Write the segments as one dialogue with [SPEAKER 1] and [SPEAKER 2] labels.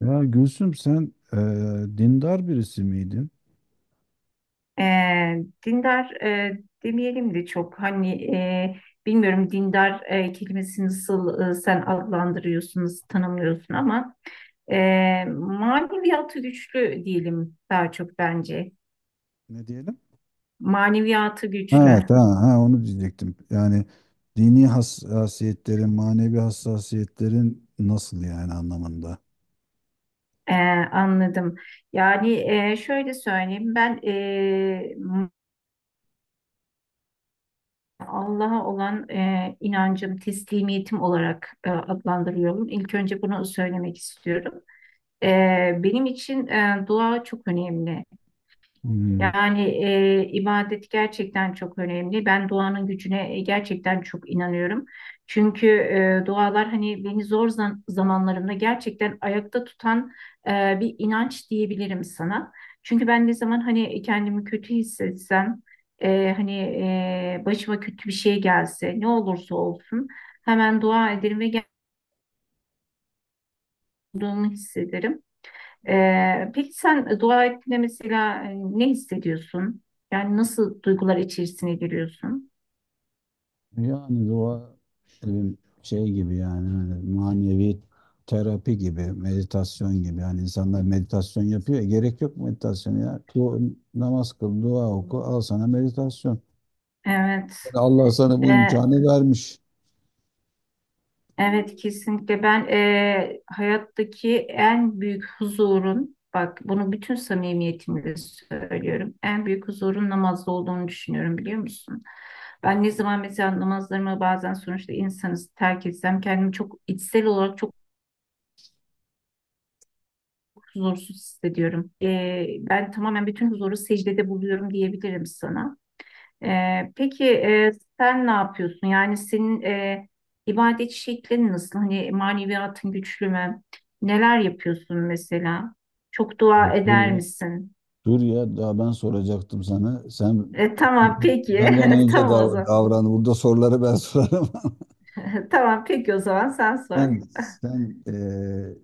[SPEAKER 1] Ya Gülsüm sen dindar birisi miydin?
[SPEAKER 2] E, Dindar demeyelim de çok hani bilmiyorum dindar kelimesini nasıl sen adlandırıyorsun, nasıl tanımlıyorsun ama maneviyatı güçlü diyelim daha çok bence.
[SPEAKER 1] Ne diyelim?
[SPEAKER 2] Maneviyatı
[SPEAKER 1] Evet, ha,
[SPEAKER 2] güçlü.
[SPEAKER 1] tamam, ha, onu diyecektim. Yani dini hassasiyetlerin, manevi hassasiyetlerin nasıl yani anlamında?
[SPEAKER 2] E, Anladım. Yani şöyle söyleyeyim ben Allah'a olan inancım, teslimiyetim olarak adlandırıyorum. İlk önce bunu söylemek istiyorum. Benim için dua çok önemli.
[SPEAKER 1] Hmm.
[SPEAKER 2] Yani ibadet gerçekten çok önemli. Ben duanın gücüne gerçekten çok inanıyorum. Çünkü dualar hani beni zor zamanlarımda gerçekten ayakta tutan bir inanç diyebilirim sana. Çünkü ben ne zaman hani kendimi kötü hissetsem, hani başıma kötü bir şey gelse, ne olursa olsun hemen dua ederim ve geldiğimi hissederim. Peki sen dua ettiğinde mesela ne hissediyorsun? Yani nasıl duygular içerisine giriyorsun?
[SPEAKER 1] Yani dua e, şey gibi yani hani manevi terapi gibi, meditasyon gibi. Yani insanlar meditasyon yapıyor. Ya, gerek yok meditasyon ya. Namaz kıl, dua oku, al sana meditasyon.
[SPEAKER 2] Evet.
[SPEAKER 1] Yani Allah sana bu
[SPEAKER 2] Ee,
[SPEAKER 1] imkanı vermiş.
[SPEAKER 2] Evet, kesinlikle ben hayattaki en büyük huzurun, bak bunu bütün samimiyetimle söylüyorum, en büyük huzurun namazda olduğunu düşünüyorum biliyor musun? Ben ne zaman mesela namazlarımı, bazen sonuçta insanız, terk etsem kendimi çok içsel olarak çok huzursuz hissediyorum. Ben tamamen bütün huzuru secdede buluyorum diyebilirim sana. Peki sen ne yapıyorsun? Yani senin ibadet şeklin nasıl? Hani maneviyatın güçlü mü? Neler yapıyorsun mesela? Çok
[SPEAKER 1] Ya
[SPEAKER 2] dua
[SPEAKER 1] dur
[SPEAKER 2] eder
[SPEAKER 1] ya,
[SPEAKER 2] misin?
[SPEAKER 1] dur ya, daha ben soracaktım sana. Sen
[SPEAKER 2] Tamam peki.
[SPEAKER 1] benden önce
[SPEAKER 2] Tamam o zaman.
[SPEAKER 1] davran. Burada soruları ben sorarım.
[SPEAKER 2] Tamam peki, o zaman sen sor.
[SPEAKER 1] Sen, sen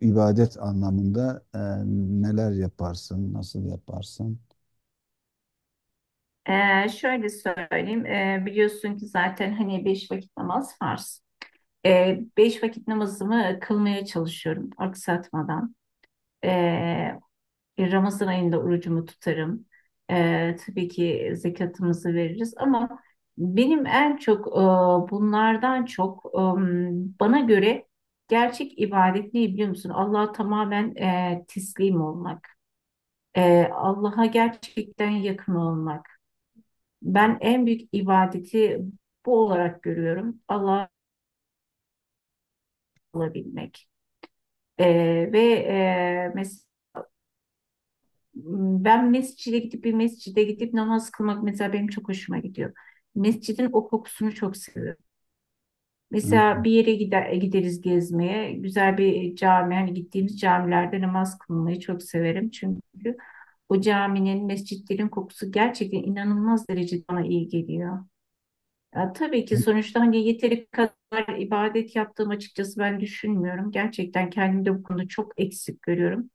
[SPEAKER 1] ibadet anlamında neler yaparsın, nasıl yaparsın?
[SPEAKER 2] Şöyle söyleyeyim. Biliyorsun ki zaten hani beş vakit namaz farz. Beş vakit namazımı kılmaya çalışıyorum aksatmadan. Ee, Ramazan ayında orucumu tutarım. Tabii ki zekatımızı veririz ama benim en çok bunlardan çok bana göre gerçek ibadet ne biliyor musun? Allah'a tamamen teslim olmak. Allah'a gerçekten yakın olmak. Ben en büyük ibadeti bu olarak görüyorum. Allah'a olabilmek. E, Ve mesela ben mescide gidip bir mescide gidip namaz kılmak mesela benim çok hoşuma gidiyor. Mescidin o kokusunu çok seviyorum.
[SPEAKER 1] Hı.
[SPEAKER 2] Mesela bir yere gideriz gezmeye. Güzel bir cami, hani gittiğimiz camilerde namaz kılmayı çok severim. Çünkü o caminin, mescitlerin kokusu gerçekten inanılmaz derecede bana iyi geliyor. Ya, tabii ki sonuçta hani yeteri kadar ibadet yaptığım açıkçası ben düşünmüyorum. Gerçekten kendimde bu konuda çok eksik görüyorum.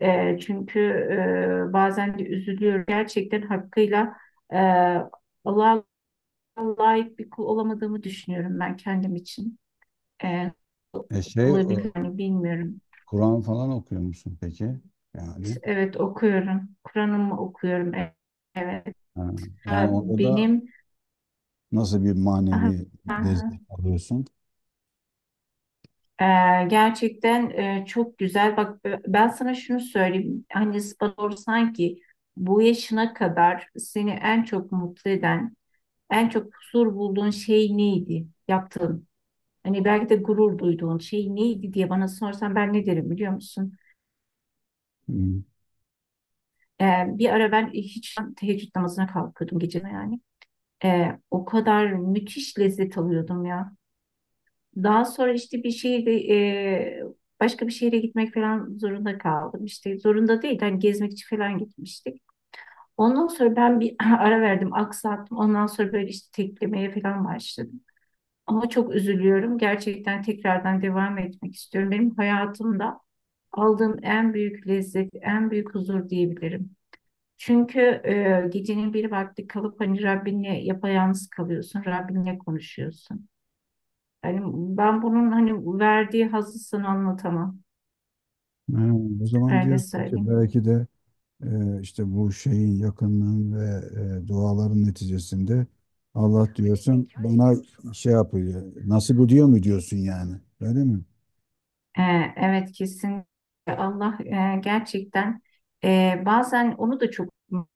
[SPEAKER 2] Çünkü bazen de üzülüyorum. Gerçekten hakkıyla e, Allah'a layık bir kul olamadığımı düşünüyorum ben kendim için. E,
[SPEAKER 1] E şey, o,
[SPEAKER 2] Olabilir mi bilmiyorum.
[SPEAKER 1] Kur'an falan okuyor musun peki? Yani,
[SPEAKER 2] Evet, okuyorum. Kur'an'ımı okuyorum. Evet.
[SPEAKER 1] ha, yani orada da
[SPEAKER 2] Benim
[SPEAKER 1] nasıl bir manevi destek alıyorsun?
[SPEAKER 2] Ee, Gerçekten çok güzel. Bak ben sana şunu söyleyeyim. Hani bana sorsan ki bu yaşına kadar seni en çok mutlu eden en çok huzur bulduğun şey neydi? Yaptığın. Hani belki de gurur duyduğun şey neydi diye bana sorsan, ben ne derim biliyor musun?
[SPEAKER 1] Hı.
[SPEAKER 2] Bir ara ben hiç teheccüd namazına kalkıyordum, gece yani. O kadar müthiş lezzet alıyordum ya. Daha sonra işte başka bir şehre gitmek falan zorunda kaldım. İşte zorunda değil, hani gezmek için falan gitmiştik. Ondan sonra ben bir ara verdim, aksattım. Ondan sonra böyle işte teklemeye falan başladım. Ama çok üzülüyorum. Gerçekten tekrardan devam etmek istiyorum. Benim hayatımda aldığım en büyük lezzet, en büyük huzur diyebilirim. Çünkü gecenin bir vakti kalıp hani Rabbinle yapayalnız kalıyorsun, Rabbinle konuşuyorsun. Hani ben bunun hani verdiği hazzı sana anlatamam.
[SPEAKER 1] Ha, o zaman
[SPEAKER 2] Öyle
[SPEAKER 1] diyorsun ki
[SPEAKER 2] söyleyeyim.
[SPEAKER 1] belki de işte bu şeyin yakınlığın ve duaların neticesinde Allah diyorsun bana şey yapıyor. Nasip ediyor mu diyorsun yani? Öyle mi?
[SPEAKER 2] E, evet, kesin Allah gerçekten, bazen onu da çok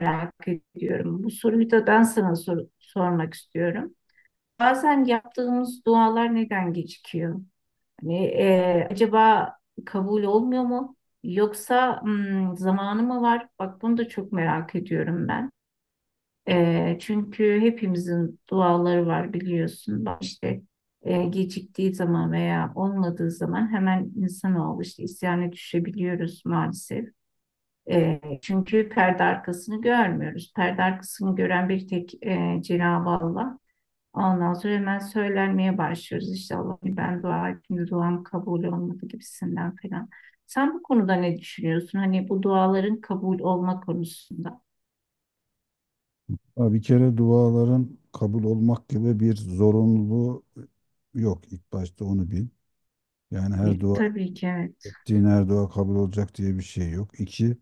[SPEAKER 2] merak ediyorum. Bu soruyu da ben sana sormak istiyorum. Bazen yaptığımız dualar neden gecikiyor? Hani acaba kabul olmuyor mu? Yoksa zamanı mı var? Bak bunu da çok merak ediyorum ben. Çünkü hepimizin duaları var biliyorsun. Bak işte geciktiği zaman veya olmadığı zaman hemen insanoğlu işte isyana düşebiliyoruz maalesef. Çünkü perde arkasını görmüyoruz. Perde arkasını gören bir tek Cenab-ı Allah. Ondan sonra hemen söylenmeye başlıyoruz işte, Allah'ım ben dua ettim, duam kabul olmadı gibisinden falan. Sen bu konuda ne düşünüyorsun? Hani bu duaların kabul olma konusunda.
[SPEAKER 1] Ha, bir kere duaların kabul olmak gibi bir zorunluluğu yok. İlk başta onu bil. Yani
[SPEAKER 2] Yani
[SPEAKER 1] her dua
[SPEAKER 2] tabii ki evet.
[SPEAKER 1] ettiğin her dua kabul olacak diye bir şey yok. İki,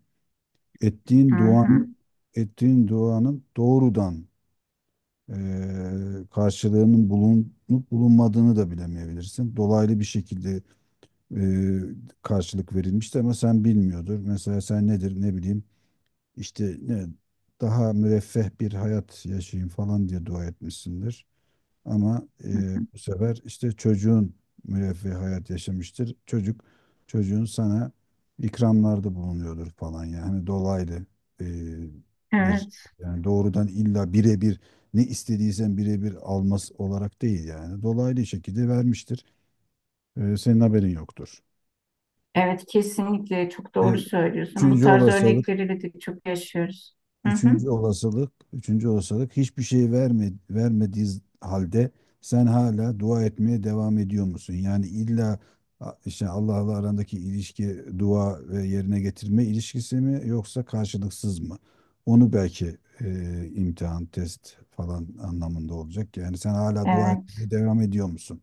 [SPEAKER 2] Hı
[SPEAKER 1] ettiğin
[SPEAKER 2] hı.
[SPEAKER 1] duanın ettiğin duanın doğrudan karşılığının bulunup bulunmadığını da bilemeyebilirsin. Dolaylı bir şekilde e, karşılık verilmişti ama sen bilmiyordur. Mesela sen nedir ne bileyim işte daha müreffeh bir hayat yaşayayım falan diye dua etmişsindir. Ama bu sefer işte çocuğun müreffeh hayat yaşamıştır. Çocuğun sana ikramlarda bulunuyordur falan. Yani hani dolaylı e, bir
[SPEAKER 2] Evet.
[SPEAKER 1] yani doğrudan illa birebir ne istediysen birebir alması olarak değil, yani dolaylı şekilde vermiştir. E, senin haberin yoktur.
[SPEAKER 2] Evet, kesinlikle çok doğru
[SPEAKER 1] E,
[SPEAKER 2] söylüyorsun. Bu
[SPEAKER 1] üçüncü
[SPEAKER 2] tarz
[SPEAKER 1] olasılık,
[SPEAKER 2] örnekleri de çok yaşıyoruz. Hı hı.
[SPEAKER 1] üçüncü olasılık hiçbir şey vermediği halde sen hala dua etmeye devam ediyor musun? Yani illa işte Allah'la arandaki ilişki dua ve yerine getirme ilişkisi mi, yoksa karşılıksız mı? Onu belki imtihan, test falan anlamında olacak. Yani sen hala dua
[SPEAKER 2] Evet,
[SPEAKER 1] etmeye devam ediyor musun?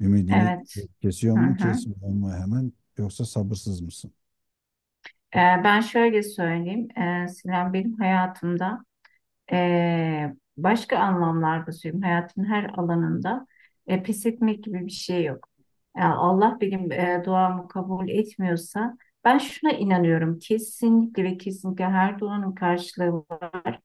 [SPEAKER 1] Ümidini
[SPEAKER 2] evet.
[SPEAKER 1] kesiyor
[SPEAKER 2] Hı
[SPEAKER 1] mu,
[SPEAKER 2] hı.
[SPEAKER 1] kesmiyor mu hemen, yoksa sabırsız mısın?
[SPEAKER 2] Ben şöyle söyleyeyim. Sinan, benim hayatımda, başka anlamlarda söyleyeyim. Hayatın her alanında pes etmek gibi bir şey yok. Yani Allah benim duamı kabul etmiyorsa ben şuna inanıyorum. Kesinlikle ve kesinlikle her duanın karşılığı var.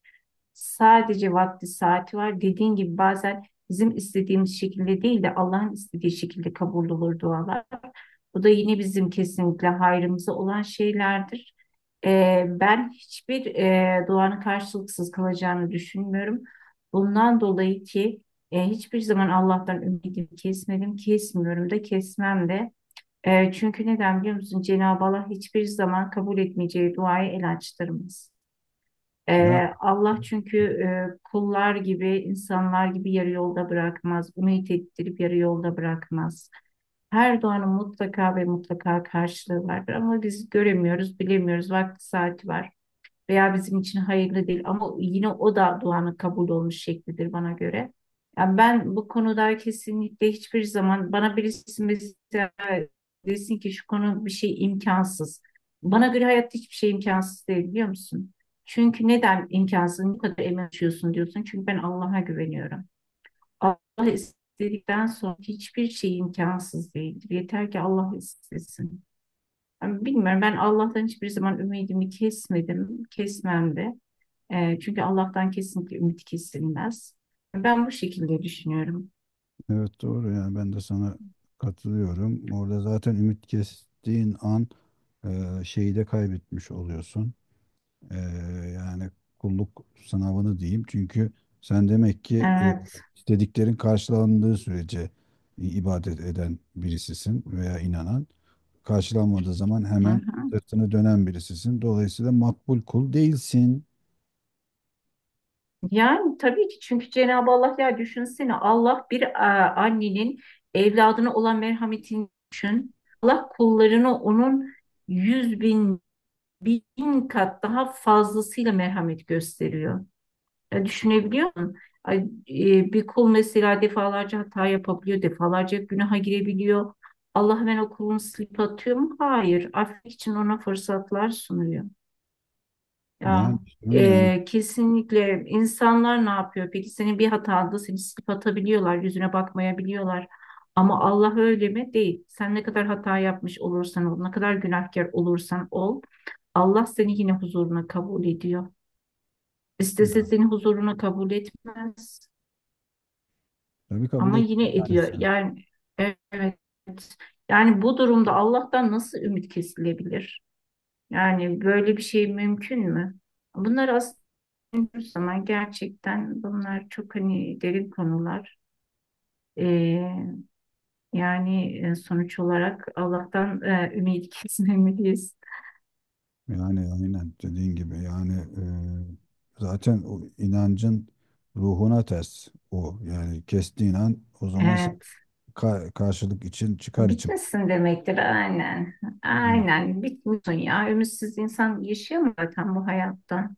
[SPEAKER 2] Sadece vakti saati var. Dediğin gibi bazen bizim istediğimiz şekilde değil de Allah'ın istediği şekilde kabul olur dualar. Bu da yine bizim kesinlikle hayrımıza olan şeylerdir. Ben hiçbir duanın karşılıksız kalacağını düşünmüyorum. Bundan dolayı ki hiçbir zaman Allah'tan ümidimi kesmedim, kesmiyorum da, kesmem de. Çünkü neden biliyor musun? Cenab-ı Allah hiçbir zaman kabul etmeyeceği duayı el açtırmaz. E,
[SPEAKER 1] Ya
[SPEAKER 2] Allah çünkü kullar gibi, insanlar gibi yarı yolda bırakmaz. Ümit ettirip yarı yolda bırakmaz. Her doğanın mutlaka ve mutlaka karşılığı vardır ama biz göremiyoruz, bilemiyoruz. Vakti saati var veya bizim için hayırlı değil ama yine o da duanın kabul olmuş şeklidir bana göre. Yani ben bu konuda kesinlikle, hiçbir zaman bana birisi mesela desin ki şu konu, bir şey imkansız. Bana göre hayatta hiçbir şey imkansız değil biliyor musun? Çünkü neden imkansız bu kadar emin oluyorsun diyorsun. Çünkü ben Allah'a güveniyorum. Allah istedikten sonra hiçbir şey imkansız değildir. Yeter ki Allah istesin. Yani bilmiyorum, ben Allah'tan hiçbir zaman ümidimi kesmedim, kesmem de. Çünkü Allah'tan kesinlikle ümit kesilmez. Ben bu şekilde düşünüyorum.
[SPEAKER 1] evet, doğru, yani ben de sana katılıyorum. Orada zaten ümit kestiğin an şeyi de kaybetmiş oluyorsun. E, yani kulluk sınavını diyeyim. Çünkü sen demek ki
[SPEAKER 2] Evet.
[SPEAKER 1] istediklerin karşılandığı sürece ibadet eden birisisin veya inanan. Karşılanmadığı zaman
[SPEAKER 2] Hı
[SPEAKER 1] hemen
[SPEAKER 2] hı.
[SPEAKER 1] sırtını dönen birisisin. Dolayısıyla makbul kul değilsin.
[SPEAKER 2] Yani tabii ki, çünkü Cenab-ı Allah, ya düşünsene, Allah bir annenin evladına olan merhametini düşün. Allah kullarını onun yüz bin kat daha fazlasıyla merhamet gösteriyor. Ya düşünebiliyor musun? Bir kul mesela defalarca hata yapabiliyor, defalarca günaha girebiliyor. Allah hemen o kulunu silip atıyor mu? Hayır. Affetmek için ona fırsatlar sunuyor.
[SPEAKER 1] Yani
[SPEAKER 2] Ya
[SPEAKER 1] bunu yani
[SPEAKER 2] e, kesinlikle insanlar ne yapıyor? Peki, senin bir hatanda seni silip atabiliyorlar, yüzüne bakmayabiliyorlar. Ama Allah öyle mi? Değil. Sen ne kadar hata yapmış olursan ol, ne kadar günahkar olursan ol, Allah seni yine huzuruna kabul ediyor. İstese seni huzuruna kabul etmez
[SPEAKER 1] tabii kabul
[SPEAKER 2] ama yine
[SPEAKER 1] etmez.
[SPEAKER 2] ediyor. Yani evet. Yani bu durumda Allah'tan nasıl ümit kesilebilir? Yani böyle bir şey mümkün mü? Bunlar aslında düşündüğümüz zaman gerçekten bunlar çok hani derin konular. Ee, Yani sonuç olarak Allah'tan ümit kesmemeliyiz.
[SPEAKER 1] Yani aynen dediğin gibi, yani zaten o inancın ruhuna ters o. Yani kestiğin an o zaman sen
[SPEAKER 2] Evet,
[SPEAKER 1] karşılık için, çıkar için.
[SPEAKER 2] bitmesin demektir aynen.
[SPEAKER 1] Hı.
[SPEAKER 2] Aynen, bitmiyorsun ya. Ümitsiz insan yaşayamıyor zaten bu hayatta.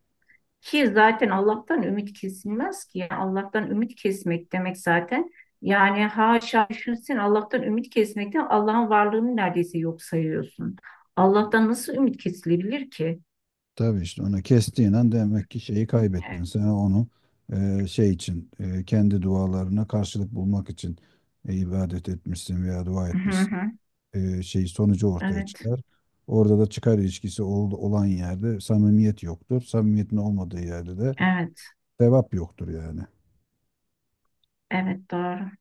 [SPEAKER 2] Ki zaten Allah'tan ümit kesilmez ki. Yani Allah'tan ümit kesmek demek zaten. Yani haşa, düşünsün Allah'tan ümit kesmekten, Allah'ın varlığını neredeyse yok sayıyorsun. Allah'tan nasıl ümit kesilebilir ki?
[SPEAKER 1] Tabii, işte onu kestiğin an demek ki şeyi kaybettin. Sen onu şey için, kendi dualarına karşılık bulmak için ibadet etmişsin veya dua
[SPEAKER 2] Hı
[SPEAKER 1] etmişsin.
[SPEAKER 2] hı.
[SPEAKER 1] E, şey sonucu ortaya
[SPEAKER 2] Evet,
[SPEAKER 1] çıkar. Orada da çıkar ilişkisi olan yerde samimiyet yoktur. Samimiyetin olmadığı yerde de
[SPEAKER 2] evet,
[SPEAKER 1] sevap yoktur yani.
[SPEAKER 2] evet doğru.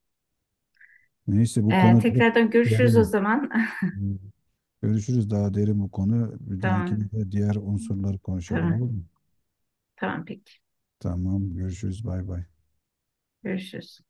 [SPEAKER 1] Neyse, bu konu çok
[SPEAKER 2] Tekrardan görüşürüz o
[SPEAKER 1] derin.
[SPEAKER 2] zaman.
[SPEAKER 1] Görüşürüz, daha derin bu konu. Bir
[SPEAKER 2] Tamam,
[SPEAKER 1] dahakine de diğer unsurları konuşalım,
[SPEAKER 2] tamam,
[SPEAKER 1] olur mu?
[SPEAKER 2] tamam peki.
[SPEAKER 1] Tamam, görüşürüz, bay bay.
[SPEAKER 2] Görüşürüz.